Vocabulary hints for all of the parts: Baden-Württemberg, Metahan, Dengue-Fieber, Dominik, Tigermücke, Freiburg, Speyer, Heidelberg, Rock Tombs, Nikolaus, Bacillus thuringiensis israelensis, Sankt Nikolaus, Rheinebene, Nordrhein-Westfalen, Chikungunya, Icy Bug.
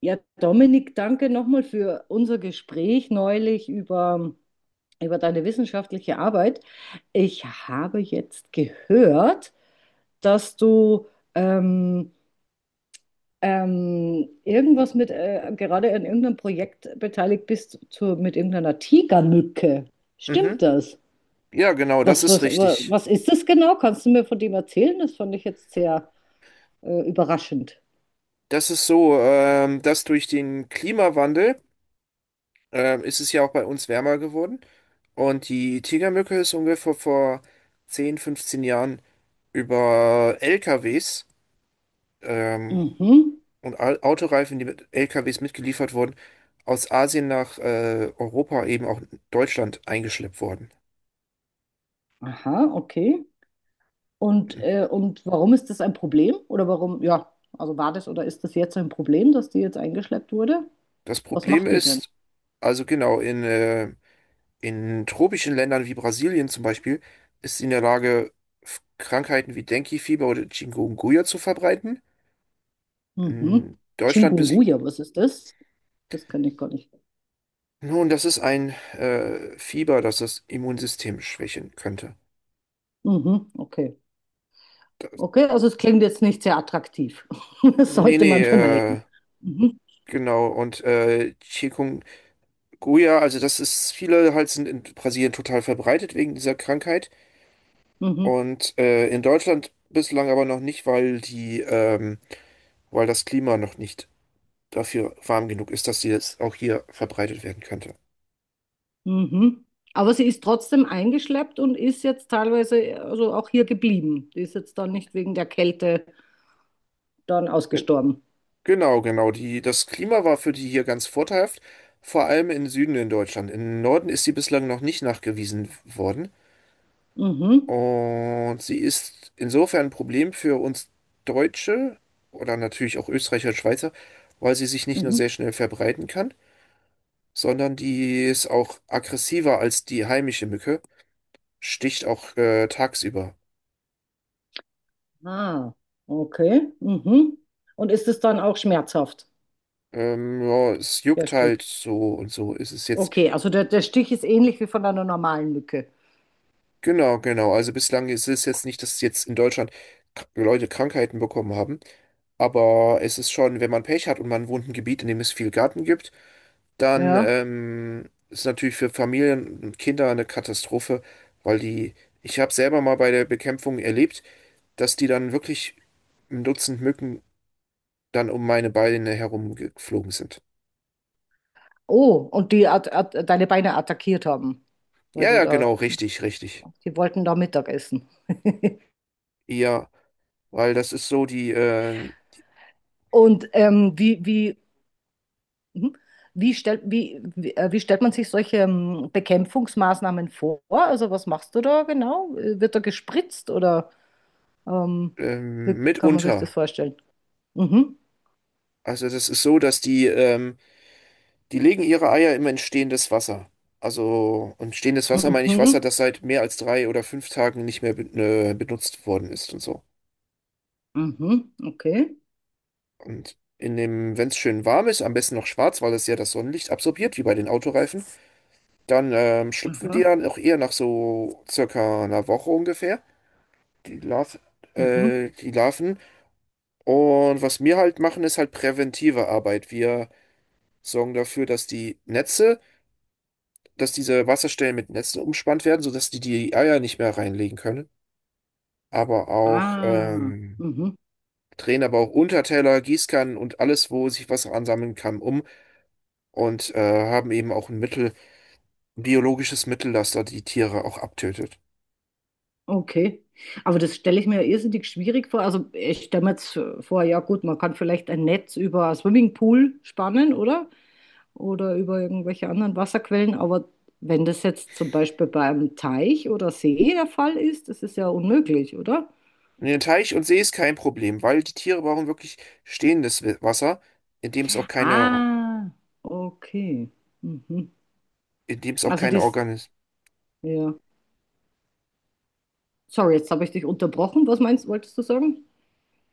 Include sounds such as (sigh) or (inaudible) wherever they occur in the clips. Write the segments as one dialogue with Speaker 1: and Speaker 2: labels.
Speaker 1: Ja, Dominik, danke nochmal für unser Gespräch neulich über deine wissenschaftliche Arbeit. Ich habe jetzt gehört, dass du ähm, irgendwas mit, gerade an irgendeinem Projekt beteiligt bist mit irgendeiner Tigermücke.
Speaker 2: Mhm.
Speaker 1: Stimmt das?
Speaker 2: Ja, genau, das
Speaker 1: Was,
Speaker 2: ist
Speaker 1: was, wa-
Speaker 2: richtig.
Speaker 1: was ist das genau? Kannst du mir von dem erzählen? Das fand ich jetzt sehr überraschend.
Speaker 2: Das ist so, dass durch den Klimawandel ist es ja auch bei uns wärmer geworden. Und die Tigermücke ist ungefähr vor 10 15 Jahren über LKWs ähm,
Speaker 1: Mhm.
Speaker 2: und Autoreifen, die mit LKWs mitgeliefert wurden, aus Asien nach Europa, eben auch Deutschland, eingeschleppt worden.
Speaker 1: Aha, okay. Und warum ist das ein Problem? Oder warum, ja, also war das oder ist das jetzt ein Problem, dass die jetzt eingeschleppt wurde?
Speaker 2: Das
Speaker 1: Was
Speaker 2: Problem
Speaker 1: macht die denn?
Speaker 2: ist, also genau, in tropischen Ländern wie Brasilien zum Beispiel, ist sie in der Lage, Krankheiten wie Dengue-Fieber oder Chikungunya zu verbreiten.
Speaker 1: Mhm.
Speaker 2: In Deutschland bis,
Speaker 1: Chikungunya, was ist das? Das kann ich gar nicht.
Speaker 2: nun, das ist ein Fieber, das das Immunsystem schwächen könnte.
Speaker 1: Mhm, okay.
Speaker 2: Das,
Speaker 1: Okay, also es klingt jetzt nicht sehr attraktiv. (laughs) Das
Speaker 2: nee,
Speaker 1: sollte
Speaker 2: nee,
Speaker 1: man vermeiden. Mhm,
Speaker 2: genau. Und Chikungunya, also das ist, viele halt sind in Brasilien total verbreitet wegen dieser Krankheit.
Speaker 1: mhm,
Speaker 2: Und in Deutschland bislang aber noch nicht, weil die, weil das Klima noch nicht dafür warm genug ist, dass sie jetzt auch hier verbreitet werden könnte.
Speaker 1: mhm. Aber sie ist trotzdem eingeschleppt und ist jetzt teilweise also auch hier geblieben. Die ist jetzt dann nicht wegen der Kälte dann ausgestorben.
Speaker 2: Genau, genau. Die, das Klima war für die hier ganz vorteilhaft, vor allem im Süden in Deutschland. Im Norden ist sie bislang noch nicht nachgewiesen worden.
Speaker 1: Mhm,
Speaker 2: Und sie ist insofern ein Problem für uns Deutsche oder natürlich auch Österreicher und Schweizer, weil sie sich nicht nur
Speaker 1: mhm.
Speaker 2: sehr schnell verbreiten kann, sondern die ist auch aggressiver als die heimische Mücke, sticht auch tagsüber.
Speaker 1: Ah, okay. Mhm. Und ist es dann auch schmerzhaft,
Speaker 2: Ja, es
Speaker 1: der
Speaker 2: juckt halt
Speaker 1: Stich?
Speaker 2: so und so. Es ist jetzt
Speaker 1: Okay, also der Stich ist ähnlich wie von einer normalen Mücke.
Speaker 2: genau, genau. Also bislang ist es jetzt nicht, dass jetzt in Deutschland Leute Krankheiten bekommen haben, aber es ist schon, wenn man Pech hat und man wohnt in einem Gebiet, in dem es viel Garten gibt, dann
Speaker 1: Ja.
Speaker 2: ist natürlich für Familien und Kinder eine Katastrophe, weil die, ich habe selber mal bei der Bekämpfung erlebt, dass die dann wirklich ein Dutzend Mücken dann um meine Beine herumgeflogen sind.
Speaker 1: Oh, und die at at deine Beine attackiert haben, weil
Speaker 2: Ja,
Speaker 1: die
Speaker 2: ja,
Speaker 1: da,
Speaker 2: genau, richtig, richtig.
Speaker 1: die wollten da Mittag essen.
Speaker 2: Ja, weil das ist so die
Speaker 1: Und mhm. Wie stellt man sich solche Bekämpfungsmaßnahmen vor? Also was machst du da genau? Wird da gespritzt oder ähm, wie kann man sich das
Speaker 2: mitunter.
Speaker 1: vorstellen? Mhm.
Speaker 2: Also das ist so, dass die legen ihre Eier immer in stehendes Wasser. Also, und stehendes Wasser meine ich Wasser,
Speaker 1: Mhm.
Speaker 2: das seit mehr als drei oder fünf Tagen nicht mehr be benutzt worden ist und so.
Speaker 1: Mhm, okay.
Speaker 2: Und in dem, wenn es schön warm ist, am besten noch schwarz, weil es ja das Sonnenlicht absorbiert, wie bei den Autoreifen, dann schlüpfen die
Speaker 1: Aha,
Speaker 2: dann auch eher nach so circa einer Woche ungefähr, die Larv
Speaker 1: mhm.
Speaker 2: die Larven. Und was wir halt machen, ist halt präventive Arbeit. Wir sorgen dafür, dass diese Wasserstellen mit Netzen umspannt werden, sodass die die Eier nicht mehr reinlegen können. Aber auch
Speaker 1: Ah, mhm,
Speaker 2: drehen aber auch Unterteller, Gießkannen und alles, wo sich Wasser ansammeln kann, um und haben eben auch ein Mittel, ein biologisches Mittel, das da die Tiere auch abtötet.
Speaker 1: okay. Aber das stelle ich mir irrsinnig schwierig vor. Also ich stelle mir jetzt vor, ja gut, man kann vielleicht ein Netz über einen Swimmingpool spannen, oder? Oder über irgendwelche anderen Wasserquellen. Aber wenn das jetzt zum Beispiel bei einem Teich oder See der Fall ist, das ist ja unmöglich, oder?
Speaker 2: In den Teich und See ist kein Problem, weil die Tiere brauchen wirklich stehendes Wasser, in dem es auch keine,
Speaker 1: Ah, okay. Mhm.
Speaker 2: in dem es auch
Speaker 1: Also
Speaker 2: keine
Speaker 1: das,
Speaker 2: Organ
Speaker 1: ja. Sorry, jetzt habe ich dich unterbrochen. Was meinst, wolltest du sagen?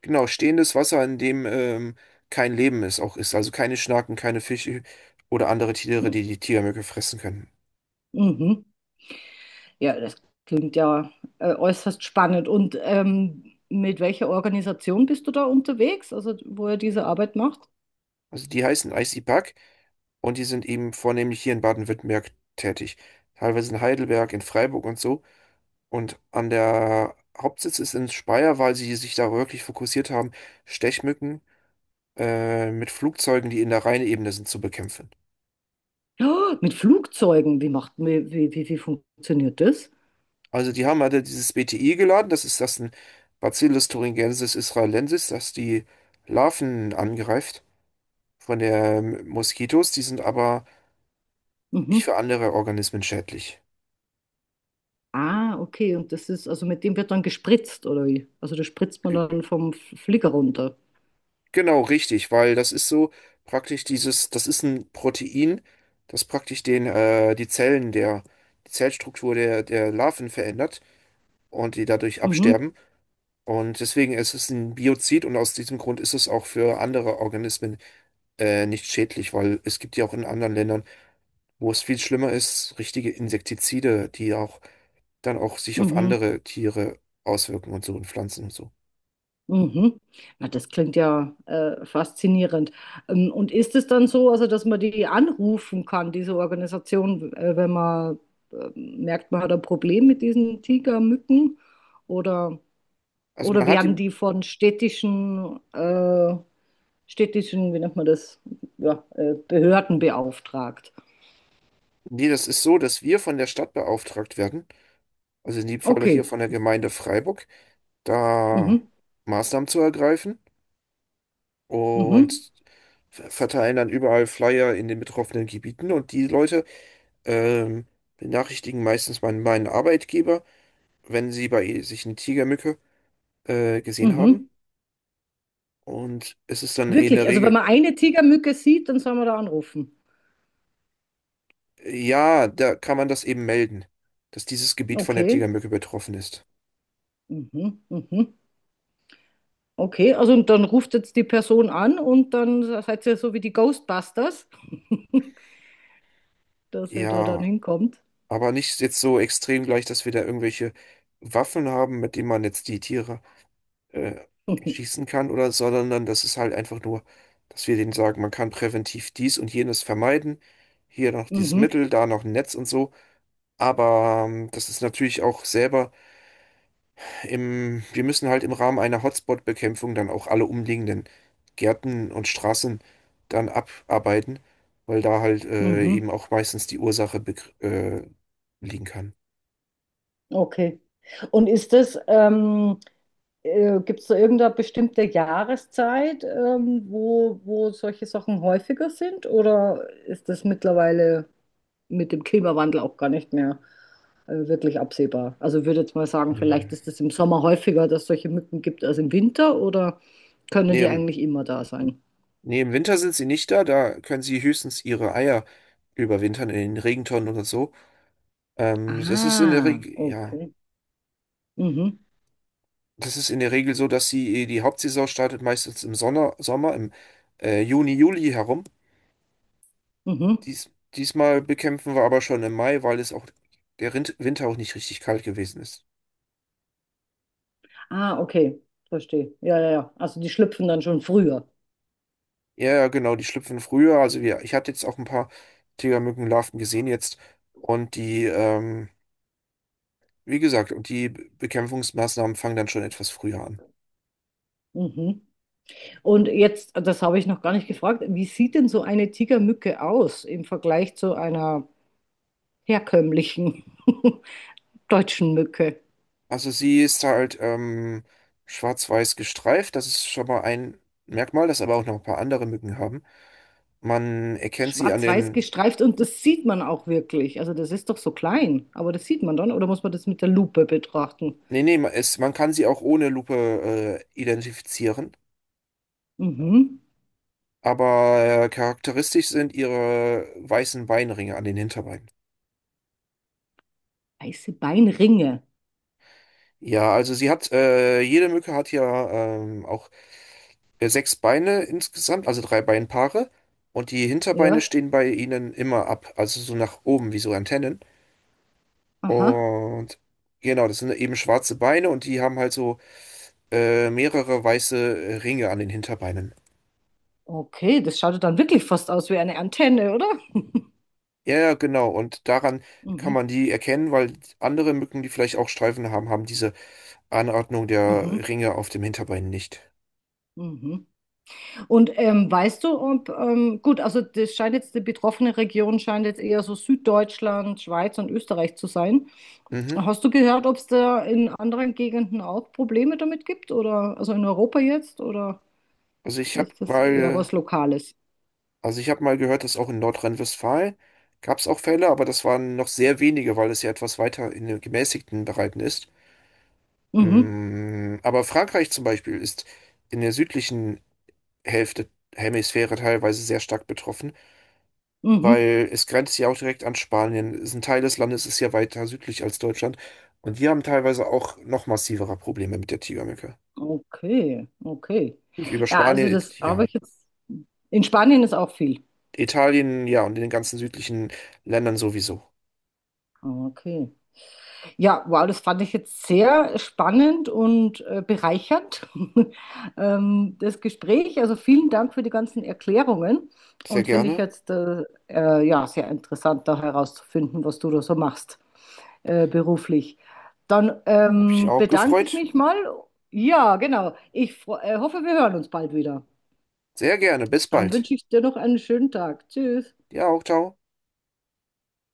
Speaker 2: genau, stehendes Wasser, in dem kein Leben ist, auch ist. Also keine Schnaken, keine Fische oder andere Tiere, die die Tigermücke fressen können.
Speaker 1: Mhm. Ja, das klingt ja äußerst spannend. Und mit welcher Organisation bist du da unterwegs, also wo ihr diese Arbeit macht?
Speaker 2: Also die heißen Icy Bug und die sind eben vornehmlich hier in Baden-Württemberg tätig. Teilweise in Heidelberg, in Freiburg und so. Und an der Hauptsitz ist in Speyer, weil sie sich da wirklich fokussiert haben, Stechmücken mit Flugzeugen, die in der Rheinebene sind, zu bekämpfen.
Speaker 1: Ja, mit Flugzeugen. Wie macht, wie, wie, wie wie funktioniert das?
Speaker 2: Also die haben halt ja dieses BTI geladen, das ist das ein Bacillus thuringiensis israelensis, das die Larven angreift von der Moskitos, die sind aber nicht
Speaker 1: Mhm.
Speaker 2: für andere Organismen schädlich.
Speaker 1: Ah, okay. Und das ist, also mit dem wird dann gespritzt, oder wie? Also das spritzt man
Speaker 2: G-
Speaker 1: dann vom Flieger runter.
Speaker 2: Genau, richtig, weil das ist so praktisch dieses, das ist ein Protein, das praktisch die Zellen der, die Zellstruktur der, der Larven verändert und die dadurch
Speaker 1: Mhm.
Speaker 2: absterben. Und deswegen ist es ein Biozid und aus diesem Grund ist es auch für andere Organismen nicht schädlich, weil es gibt ja auch in anderen Ländern, wo es viel schlimmer ist, richtige Insektizide, die ja auch dann auch sich auf
Speaker 1: Mhm.
Speaker 2: andere Tiere auswirken und so und Pflanzen und so.
Speaker 1: Mhm. Na, das klingt ja faszinierend. Und ist es dann so, also dass man die anrufen kann, diese Organisation, wenn man merkt, man hat ein Problem mit diesen Tigermücken? Oder,
Speaker 2: Also
Speaker 1: oder
Speaker 2: man hat
Speaker 1: werden
Speaker 2: ihm,
Speaker 1: die von städtischen, städtischen, wie nennt man das, ja, Behörden beauftragt?
Speaker 2: nee, das ist so, dass wir von der Stadt beauftragt werden, also in dem Falle hier
Speaker 1: Okay.
Speaker 2: von der Gemeinde Freiburg, da
Speaker 1: Mhm.
Speaker 2: Maßnahmen zu ergreifen
Speaker 1: Mhm.
Speaker 2: und verteilen dann überall Flyer in den betroffenen Gebieten und die Leute ähm, benachrichtigen meistens meinen Arbeitgeber, wenn sie bei sich eine Tigermücke gesehen haben.
Speaker 1: Mhm.
Speaker 2: Und es ist dann eh in der
Speaker 1: Wirklich, also wenn
Speaker 2: Regel,
Speaker 1: man eine Tigermücke sieht, dann soll man da anrufen.
Speaker 2: ja, da kann man das eben melden, dass dieses Gebiet von der
Speaker 1: Okay.
Speaker 2: Tigermücke betroffen ist.
Speaker 1: Mhm. Mhm. Okay, also und dann ruft jetzt die Person an und dann seid ihr so wie die Ghostbusters, (laughs) dass ihr da dann
Speaker 2: Ja,
Speaker 1: hinkommt.
Speaker 2: aber nicht jetzt so extrem gleich, dass wir da irgendwelche Waffen haben, mit denen man jetzt die Tiere äh,
Speaker 1: (laughs)
Speaker 2: erschießen kann oder, sondern dann, das ist halt einfach nur, dass wir denen sagen, man kann präventiv dies und jenes vermeiden. Hier noch dieses
Speaker 1: Mhm,
Speaker 2: Mittel, da noch ein Netz und so. Aber das ist natürlich auch selber im, wir müssen halt im Rahmen einer Hotspot-Bekämpfung dann auch alle umliegenden Gärten und Straßen dann abarbeiten, weil da halt
Speaker 1: mhm,
Speaker 2: eben auch meistens die Ursache liegen kann.
Speaker 1: okay. Und ist das, gibt es da irgendeine bestimmte Jahreszeit, wo, wo solche Sachen häufiger sind? Oder ist das mittlerweile mit dem Klimawandel auch gar nicht mehr wirklich absehbar. Also ich würde jetzt mal sagen, vielleicht
Speaker 2: Mhm.
Speaker 1: ist es im Sommer häufiger, dass es solche Mücken gibt als im Winter oder können
Speaker 2: Nee,
Speaker 1: die
Speaker 2: im,
Speaker 1: eigentlich immer da sein?
Speaker 2: nee, im Winter sind sie nicht da, da können sie höchstens ihre Eier überwintern in den Regentonnen oder so. Das ist in der
Speaker 1: Ah,
Speaker 2: Regel, ja,
Speaker 1: okay. Mhm,
Speaker 2: das ist in der Regel so, dass sie die Hauptsaison startet meistens im Sommer, im Juni, Juli herum.
Speaker 1: mhm.
Speaker 2: Diesmal bekämpfen wir aber schon im Mai, weil es auch der Rind Winter auch nicht richtig kalt gewesen ist.
Speaker 1: Ah, okay. Verstehe. Ja, ja, ja. Also die schlüpfen dann schon früher.
Speaker 2: Ja, ja, genau, die schlüpfen früher. Also wir, ich hatte jetzt auch ein paar Tigermückenlarven gesehen jetzt. Und wie gesagt, und die Bekämpfungsmaßnahmen fangen dann schon etwas früher an.
Speaker 1: Mhm. Und jetzt, das habe ich noch gar nicht gefragt, wie sieht denn so eine Tigermücke aus im Vergleich zu einer herkömmlichen (laughs) deutschen Mücke?
Speaker 2: Also sie ist halt schwarz-weiß gestreift. Das ist schon mal ein Merkmal, das aber auch noch ein paar andere Mücken haben. Man erkennt sie an
Speaker 1: Schwarz-weiß
Speaker 2: den...
Speaker 1: gestreift und das sieht man auch wirklich. Also das ist doch so klein, aber das sieht man dann. Oder muss man das mit der Lupe betrachten?
Speaker 2: Nee, nee, es, man kann sie auch ohne Lupe identifizieren.
Speaker 1: Mhm.
Speaker 2: Aber charakteristisch sind ihre weißen Beinringe an den Hinterbeinen.
Speaker 1: Weiße Beinringe.
Speaker 2: Ja, also sie hat, jede Mücke hat ja auch sechs Beine insgesamt, also drei Beinpaare. Und die Hinterbeine
Speaker 1: Ja.
Speaker 2: stehen bei ihnen immer ab, also so nach oben, wie so Antennen.
Speaker 1: Aha.
Speaker 2: Und genau, das sind eben schwarze Beine und die haben halt so mehrere weiße Ringe an den Hinterbeinen.
Speaker 1: Okay, das schaut ja dann wirklich fast aus wie eine Antenne, oder?
Speaker 2: Ja, ja, genau. Und daran kann
Speaker 1: Mhm.
Speaker 2: man die erkennen, weil andere Mücken, die vielleicht auch Streifen haben, haben diese Anordnung
Speaker 1: Mhm.
Speaker 2: der Ringe auf dem Hinterbein nicht.
Speaker 1: Mhm. Und weißt du, ob, gut, also das scheint jetzt, die betroffene Region scheint jetzt eher so Süddeutschland, Schweiz und Österreich zu sein.
Speaker 2: Mhm.
Speaker 1: Hast du gehört, ob es da in anderen Gegenden auch Probleme damit gibt? Oder also in Europa jetzt? Oder?
Speaker 2: Also ich habe
Speaker 1: Ist das eher was
Speaker 2: mal,
Speaker 1: Lokales?
Speaker 2: also ich habe mal gehört, dass auch in Nordrhein-Westfalen gab es auch Fälle, aber das waren noch sehr wenige, weil es ja etwas weiter in den gemäßigten Bereichen ist.
Speaker 1: Mhm.
Speaker 2: Aber Frankreich zum Beispiel ist in der südlichen Hälfte, Hemisphäre teilweise sehr stark betroffen,
Speaker 1: Mhm.
Speaker 2: weil es grenzt ja auch direkt an Spanien. Es ist ein Teil des Landes ist ja weiter südlich als Deutschland und die haben teilweise auch noch massivere Probleme mit der Tigermücke.
Speaker 1: Okay, okay.
Speaker 2: Und über
Speaker 1: Ja, also
Speaker 2: Spanien,
Speaker 1: das
Speaker 2: ja.
Speaker 1: habe ich jetzt. In Spanien ist auch viel.
Speaker 2: Italien, ja, und in den ganzen südlichen Ländern sowieso.
Speaker 1: Okay. Ja, wow, das fand ich jetzt sehr spannend und bereichernd, (laughs) das Gespräch. Also vielen Dank für die ganzen Erklärungen
Speaker 2: Sehr
Speaker 1: und finde ich
Speaker 2: gerne.
Speaker 1: jetzt ja, sehr interessant, da herauszufinden, was du da so machst beruflich. Dann
Speaker 2: Hab ich auch
Speaker 1: bedanke ich
Speaker 2: gefreut.
Speaker 1: mich mal. Ja, genau. Ich hoffe, wir hören uns bald wieder.
Speaker 2: Sehr gerne. Bis
Speaker 1: Dann
Speaker 2: bald.
Speaker 1: wünsche ich dir noch einen schönen Tag. Tschüss.
Speaker 2: Ja, auch, ciao.